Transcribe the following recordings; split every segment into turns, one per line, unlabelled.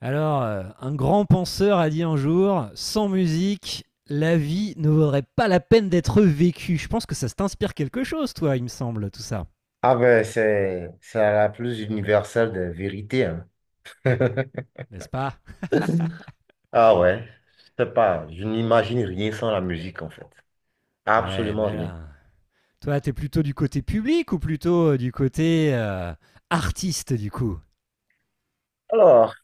Alors, un grand penseur a dit un jour, sans musique, la vie ne vaudrait pas la peine d'être vécue. Je pense que ça t'inspire quelque chose, toi, il me semble, tout ça.
Ah ben, c'est la plus universelle des vérités, hein.
N'est-ce pas?
Ah ouais, je sais pas, je n'imagine rien sans la musique en fait.
Ouais,
Absolument
mais
rien.
là. Toi, t'es plutôt du côté public ou plutôt du côté artiste, du coup?
Alors,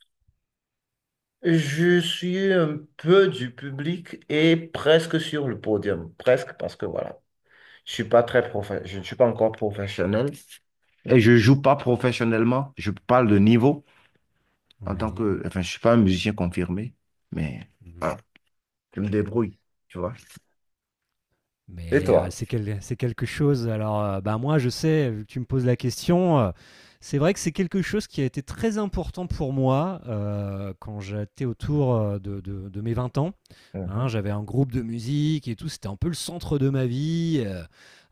je suis un peu du public et presque sur le podium. Presque parce que voilà, je ne suis pas encore professionnel et je joue pas professionnellement. Je parle de niveau en tant
Oui.
que, enfin, je suis pas un musicien confirmé, mais ah,
Mhm.
je me débrouille, tu vois. Et
Mais
toi?
c'est quelque chose alors, bah, moi je sais, vu que tu me poses la question, c'est vrai que c'est quelque chose qui a été très important pour moi, quand j'étais autour, de mes 20 ans, hein.
Mhm.
J'avais un groupe de musique et tout, c'était un peu le centre de ma vie. heu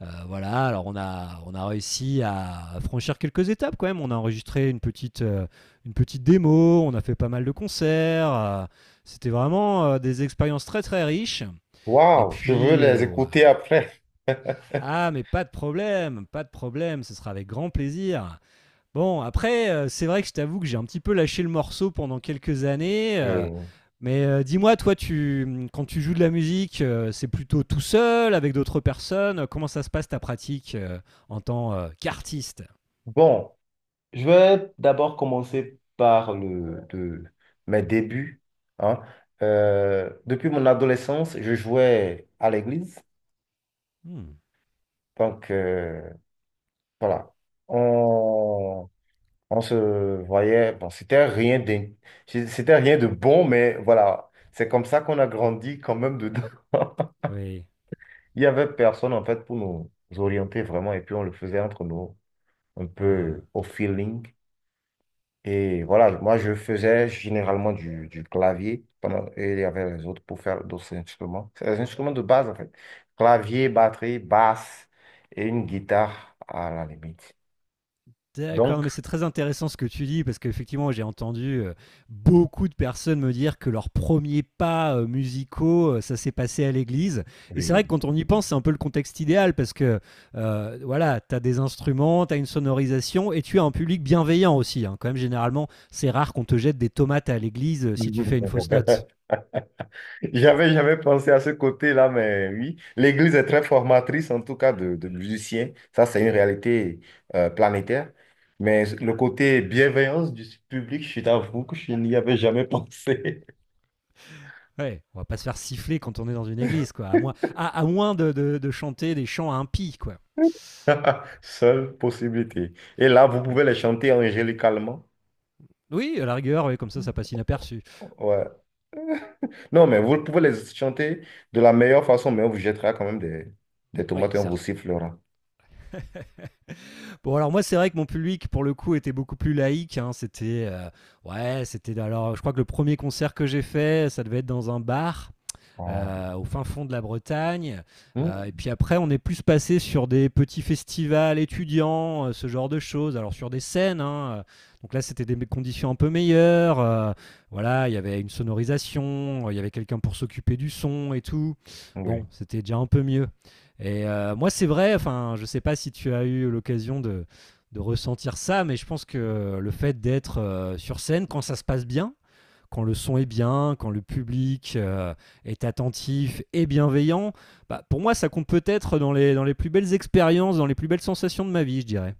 heu, voilà. Alors on a réussi à franchir quelques étapes quand même. On a enregistré une petite démo, on a fait pas mal de concerts, c'était vraiment, des expériences très, très riches et
Waouh, je veux
puis,
les
ouais.
écouter après.
Ah, mais pas de problème, pas de problème, ce sera avec grand plaisir. Bon, après, c'est vrai que je t'avoue que j'ai un petit peu lâché le morceau pendant quelques années.
Euh,
Mais dis-moi, toi, quand tu joues de la musique, c'est plutôt tout seul, avec d'autres personnes. Comment ça se passe ta pratique en tant qu'artiste?
Bon, je vais d'abord commencer par mes débuts, hein. Depuis mon adolescence, je jouais à l'église.
Hmm.
Donc, voilà. On, on se voyait. Bon, c'était rien de bon, mais voilà. C'est comme ça qu'on a grandi quand même dedans.
Oui.
Il n'y avait personne, en fait, pour nous orienter vraiment. Et puis, on le faisait entre nous, un peu
Uhum.
au feeling. Et voilà, moi, je faisais généralement du clavier pendant, et il y avait les autres pour faire d'autres instruments. C'est les instruments de base, en fait. Clavier, batterie, basse et une guitare à la limite.
D'accord,
Donc,
mais c'est très intéressant ce que tu dis parce qu'effectivement, j'ai entendu beaucoup de personnes me dire que leurs premiers pas musicaux, ça s'est passé à l'église. Et c'est vrai que
oui.
quand on y pense, c'est un peu le contexte idéal parce que voilà, tu as des instruments, tu as une sonorisation et tu as un public bienveillant aussi, hein. Quand même, généralement, c'est rare qu'on te jette des tomates à l'église si tu fais une fausse note.
J'avais jamais pensé à ce côté-là, mais oui, l'Église est très formatrice, en tout cas, de musiciens. Ça, c'est une réalité planétaire. Mais le côté bienveillance du public, je t'avoue que je n'y avais jamais pensé.
Ouais, on va pas se faire siffler quand on est dans une église, quoi. À moins de chanter des chants impies, quoi.
Seule possibilité. Et là, vous
Ouais.
pouvez les chanter angélicalement.
Oui, à la rigueur, ouais, comme ça passe inaperçu.
Ouais. Non, mais vous pouvez les chanter de la meilleure façon, mais on vous jettera quand même des
Oui,
tomates et on vous
certes.
sifflera.
Bon, alors moi, c'est vrai que mon public, pour le coup, était beaucoup plus laïque, hein. C'était, ouais, c'était. Alors, je crois que le premier concert que j'ai fait, ça devait être dans un bar
Ah, oui.
au fin fond de la Bretagne. Et
Hmm.
puis après, on est plus passé sur des petits festivals étudiants, ce genre de choses. Alors sur des scènes, hein, donc là c'était des conditions un peu meilleures. Voilà, il y avait une sonorisation, il y avait quelqu'un pour s'occuper du son et tout. Bon,
Oui.
c'était déjà un peu mieux. Et moi, c'est vrai, enfin, je sais pas si tu as eu l'occasion de ressentir ça, mais je pense que le fait d'être sur scène quand ça se passe bien, quand le son est bien, quand le public est attentif et bienveillant, bah, pour moi, ça compte peut-être dans les, plus belles expériences, dans les plus belles sensations de ma vie, je dirais.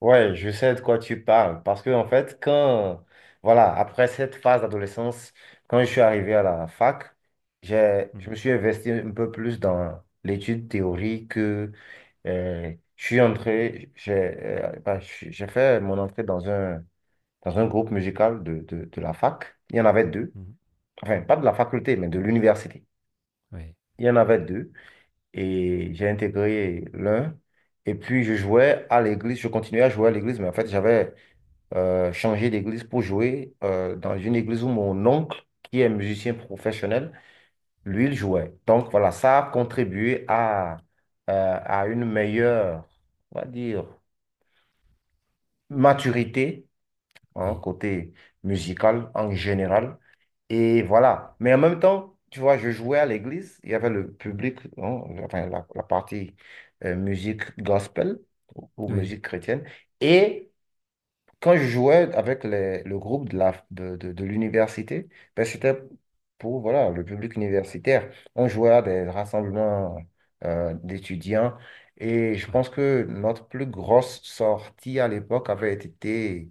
Ouais, je sais de quoi tu parles. Parce que, en fait, voilà, après cette phase d'adolescence, quand je suis arrivé à la fac,
Mm.
je me suis investi un peu plus dans l'étude théorique. Je suis entré, j'ai bah, j'ai fait mon entrée dans un groupe musical de la fac. Il y en avait deux.
Mm.
Enfin, pas de la faculté, mais de l'université.
Oui,
Il y en avait deux. Et j'ai intégré l'un. Et puis, je jouais à l'église. Je continuais à jouer à l'église, mais en fait, j'avais changé d'église pour jouer dans une église où mon oncle, qui est musicien professionnel, lui, il jouait. Donc, voilà, ça a contribué à une meilleure, on va dire, maturité, hein,
oui.
côté musical en général. Et voilà. Mais en même temps, tu vois, je jouais à l'église, il y avait le
Mm.
public, hein, enfin, la partie musique gospel ou
Oui.
musique chrétienne. Et quand je jouais avec le groupe de la, de l'université, ben, c'était pour voilà, le public universitaire. On jouait à des rassemblements d'étudiants. Et je
Ouais.
pense que notre plus grosse sortie à l'époque avait été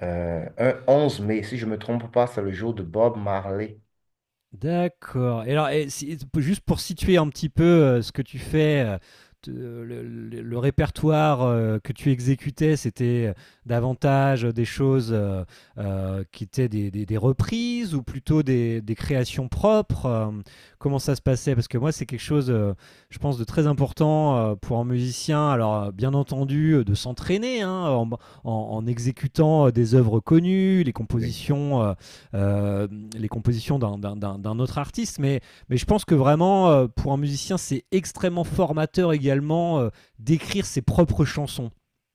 un 11 mai, si je ne me trompe pas, c'est le jour de Bob Marley.
D'accord. Et alors, juste pour situer un petit peu ce que tu fais, le répertoire que tu exécutais, c'était davantage des choses qui étaient des reprises ou plutôt des créations propres. Comment ça se passait? Parce que moi, c'est quelque chose, je pense, de très important pour un musicien. Alors, bien entendu, de s'entraîner, hein, en exécutant des œuvres connues, les
Oui.
compositions. Euh, les compositions d'un autre artiste. Mais, je pense que vraiment, pour un musicien, c'est extrêmement formateur également d'écrire ses propres chansons.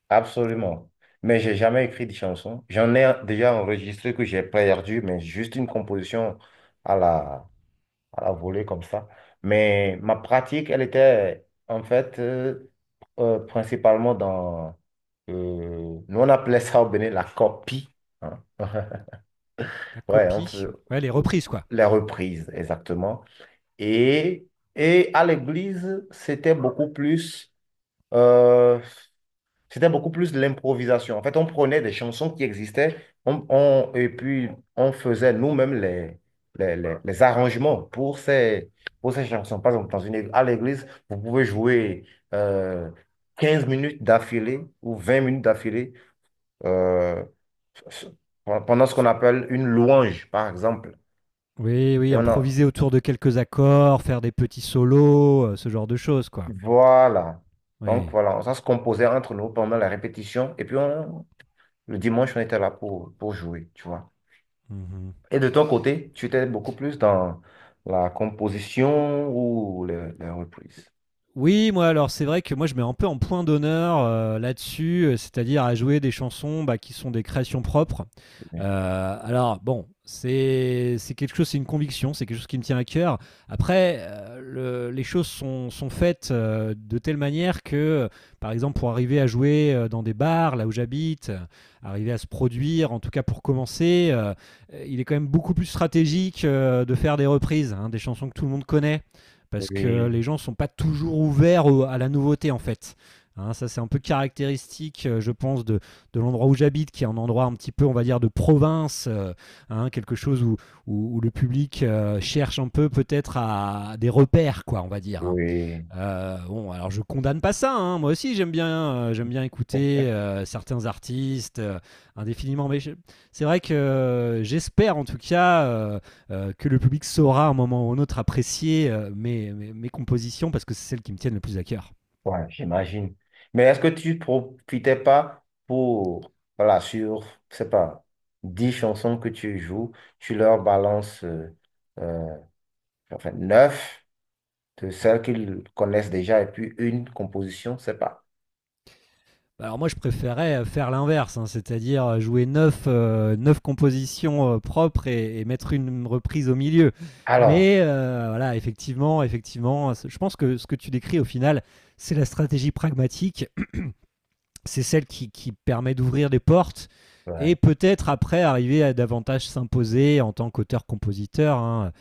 Absolument. Mais j'ai jamais écrit de chanson. J'en ai déjà enregistré que j'ai perdu, mais juste une composition à la, à la volée comme ça. Mais ma pratique, elle était en fait principalement dans... nous, on appelait ça au Bénin la copie, hein.
La
Ouais, on
copie,
peut...
ouais, les reprises, quoi.
Les reprises, exactement. Et, et à l'église, euh, c'était beaucoup plus de l'improvisation. En fait, on prenait des chansons qui existaient, et puis on faisait nous-mêmes les arrangements pour ces chansons. Par exemple, dans à l'église, vous pouvez jouer euh, 15 minutes d'affilée ou 20 minutes d'affilée euh, pendant ce qu'on appelle une louange, par exemple.
Oui,
Et
oui,
on a,
improviser autour de quelques accords, faire des petits solos, ce genre de choses, quoi.
voilà. Donc
Oui.
voilà, ça se composait entre nous pendant la répétition. Et puis le dimanche, on était là pour jouer, tu vois.
Mhm.
Et de ton côté, tu étais beaucoup plus dans la composition ou les reprises.
Oui, moi, alors c'est vrai que moi je mets un peu en point d'honneur là-dessus, c'est-à-dire à jouer des chansons, bah, qui sont des créations propres.
Oui,
Alors bon, c'est quelque chose, c'est une conviction, c'est quelque chose qui me tient à cœur. Après, les choses sont faites de telle manière que, par exemple, pour arriver à jouer dans des bars, là où j'habite, arriver à se produire, en tout cas pour commencer, il est quand même beaucoup plus stratégique de faire des reprises, hein, des chansons que tout le monde connaît parce que les
oui,
gens ne sont pas toujours ouverts à la nouveauté en fait. Hein, ça c'est un peu caractéristique, je pense, de l'endroit où j'habite, qui est un endroit un petit peu, on va dire, de province, hein, quelque chose où le public cherche un peu peut-être à des repères, quoi, on va dire, hein.
oui.
Bon, alors je condamne pas ça, hein. Moi aussi, j'aime bien écouter certains artistes indéfiniment. Mais c'est vrai que j'espère, en tout cas, que le public saura à un moment ou un autre apprécier mes, compositions parce que c'est celles qui me tiennent le plus à cœur.
Ouais, j'imagine. Mais est-ce que tu profitais pas pour, voilà, sur, je sais pas, 10 chansons que tu joues, tu leur balances, euh, enfin, 9? De
Mm.
celles qu'ils connaissent déjà et puis une composition, c'est pas.
Bah, alors moi je préférais faire l'inverse, hein, c'est-à-dire jouer neuf, compositions propres mettre une reprise au milieu.
Alors,
Mais voilà, effectivement, effectivement, je pense que ce que tu décris au final, c'est la stratégie pragmatique, c'est celle qui permet d'ouvrir des portes et
ouais.
peut-être après arriver à davantage s'imposer en tant qu'auteur-compositeur, hein.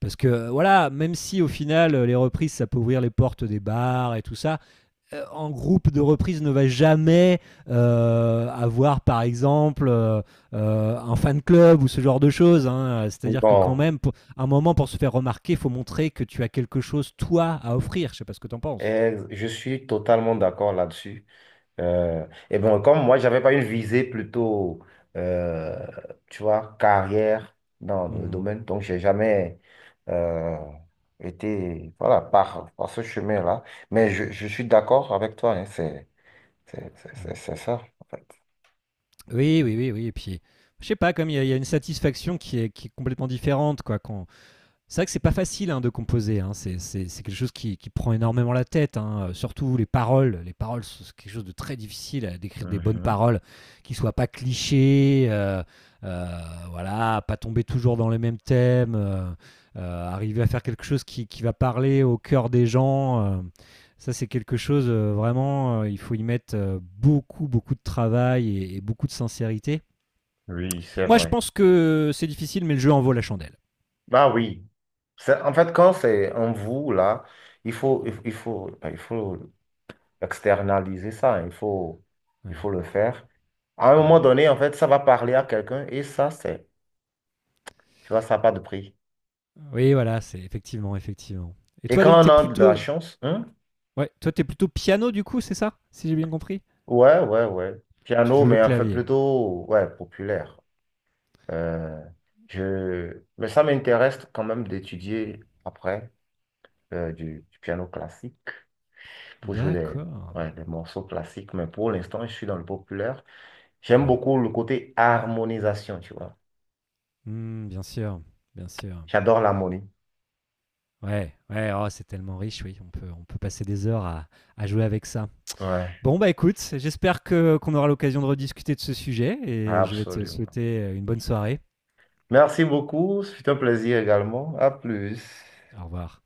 Parce que voilà, même si au final les reprises ça peut ouvrir les portes des bars et tout ça, en groupe de reprise ne va jamais avoir, par exemple, un fan club ou ce genre de choses, hein. C'est-à-dire que quand
Bon,
même, pour, à un moment, pour se faire remarquer, il faut montrer que tu as quelque chose, toi, à offrir. Je sais pas ce que tu en penses.
eh, je suis totalement d'accord là-dessus. Et bon, comme moi, j'avais pas une visée plutôt, euh, tu vois, carrière dans le
Mmh.
domaine, donc j'ai jamais euh, été, voilà, par ce chemin-là. Mais je suis d'accord avec toi, hein, c'est ça, en fait.
Oui, oui, oui, oui. Et puis, je sais pas, comme y a une satisfaction qui est, complètement différente, quoi, quand... C'est vrai que c'est pas facile, hein, de composer, hein. C'est quelque chose qui prend énormément la tête, hein. Surtout les paroles. Les paroles, c'est quelque chose de très difficile à d'écrire des bonnes
Mhm.
paroles qui soient pas clichés. Euh, voilà, pas tomber toujours dans les mêmes thèmes. Arriver à faire quelque chose qui va parler au cœur des gens. Ça, c'est quelque chose, vraiment. Il faut y mettre beaucoup, beaucoup de travail et beaucoup de sincérité.
Oui, c'est
Moi, je
vrai.
pense que c'est difficile, mais le jeu en vaut la chandelle.
Bah oui. C'est- En fait, quand c'est en vous, là,
Mmh.
il faut externaliser ça, hein. Il faut
Ouais.
le faire. À un moment
Mhm.
donné, en fait, ça va parler à quelqu'un et ça, c'est, tu vois, ça n'a pas de prix.
Oui, voilà, c'est effectivement, effectivement. Et
Et
toi, donc,
quand on
t'es
a de la
plutôt,
chance, hein,
ouais, toi, t'es plutôt piano du coup, c'est ça, si j'ai bien compris?
ouais, ouais, ouais.
Tu
Piano,
joues le
mais en fait,
clavier.
plutôt, ouais, populaire. Euh, je... mais ça m'intéresse quand même d'étudier après du piano classique, pour jouer des,
D'accord.
ouais, des morceaux classiques, mais pour l'instant, je suis dans le populaire. J'aime
Ouais.
beaucoup le côté harmonisation, tu vois.
Hmm, bien sûr, bien sûr.
J'adore l'harmonie.
Ouais, ouais. Oh, c'est tellement riche, oui. On peut passer des heures à, jouer avec ça.
Ouais,
Bon, bah écoute, j'espère que qu'on aura l'occasion de rediscuter de ce sujet et je vais te
absolument.
souhaiter une bonne soirée.
Merci beaucoup, c'est un plaisir également. À plus.
Au revoir.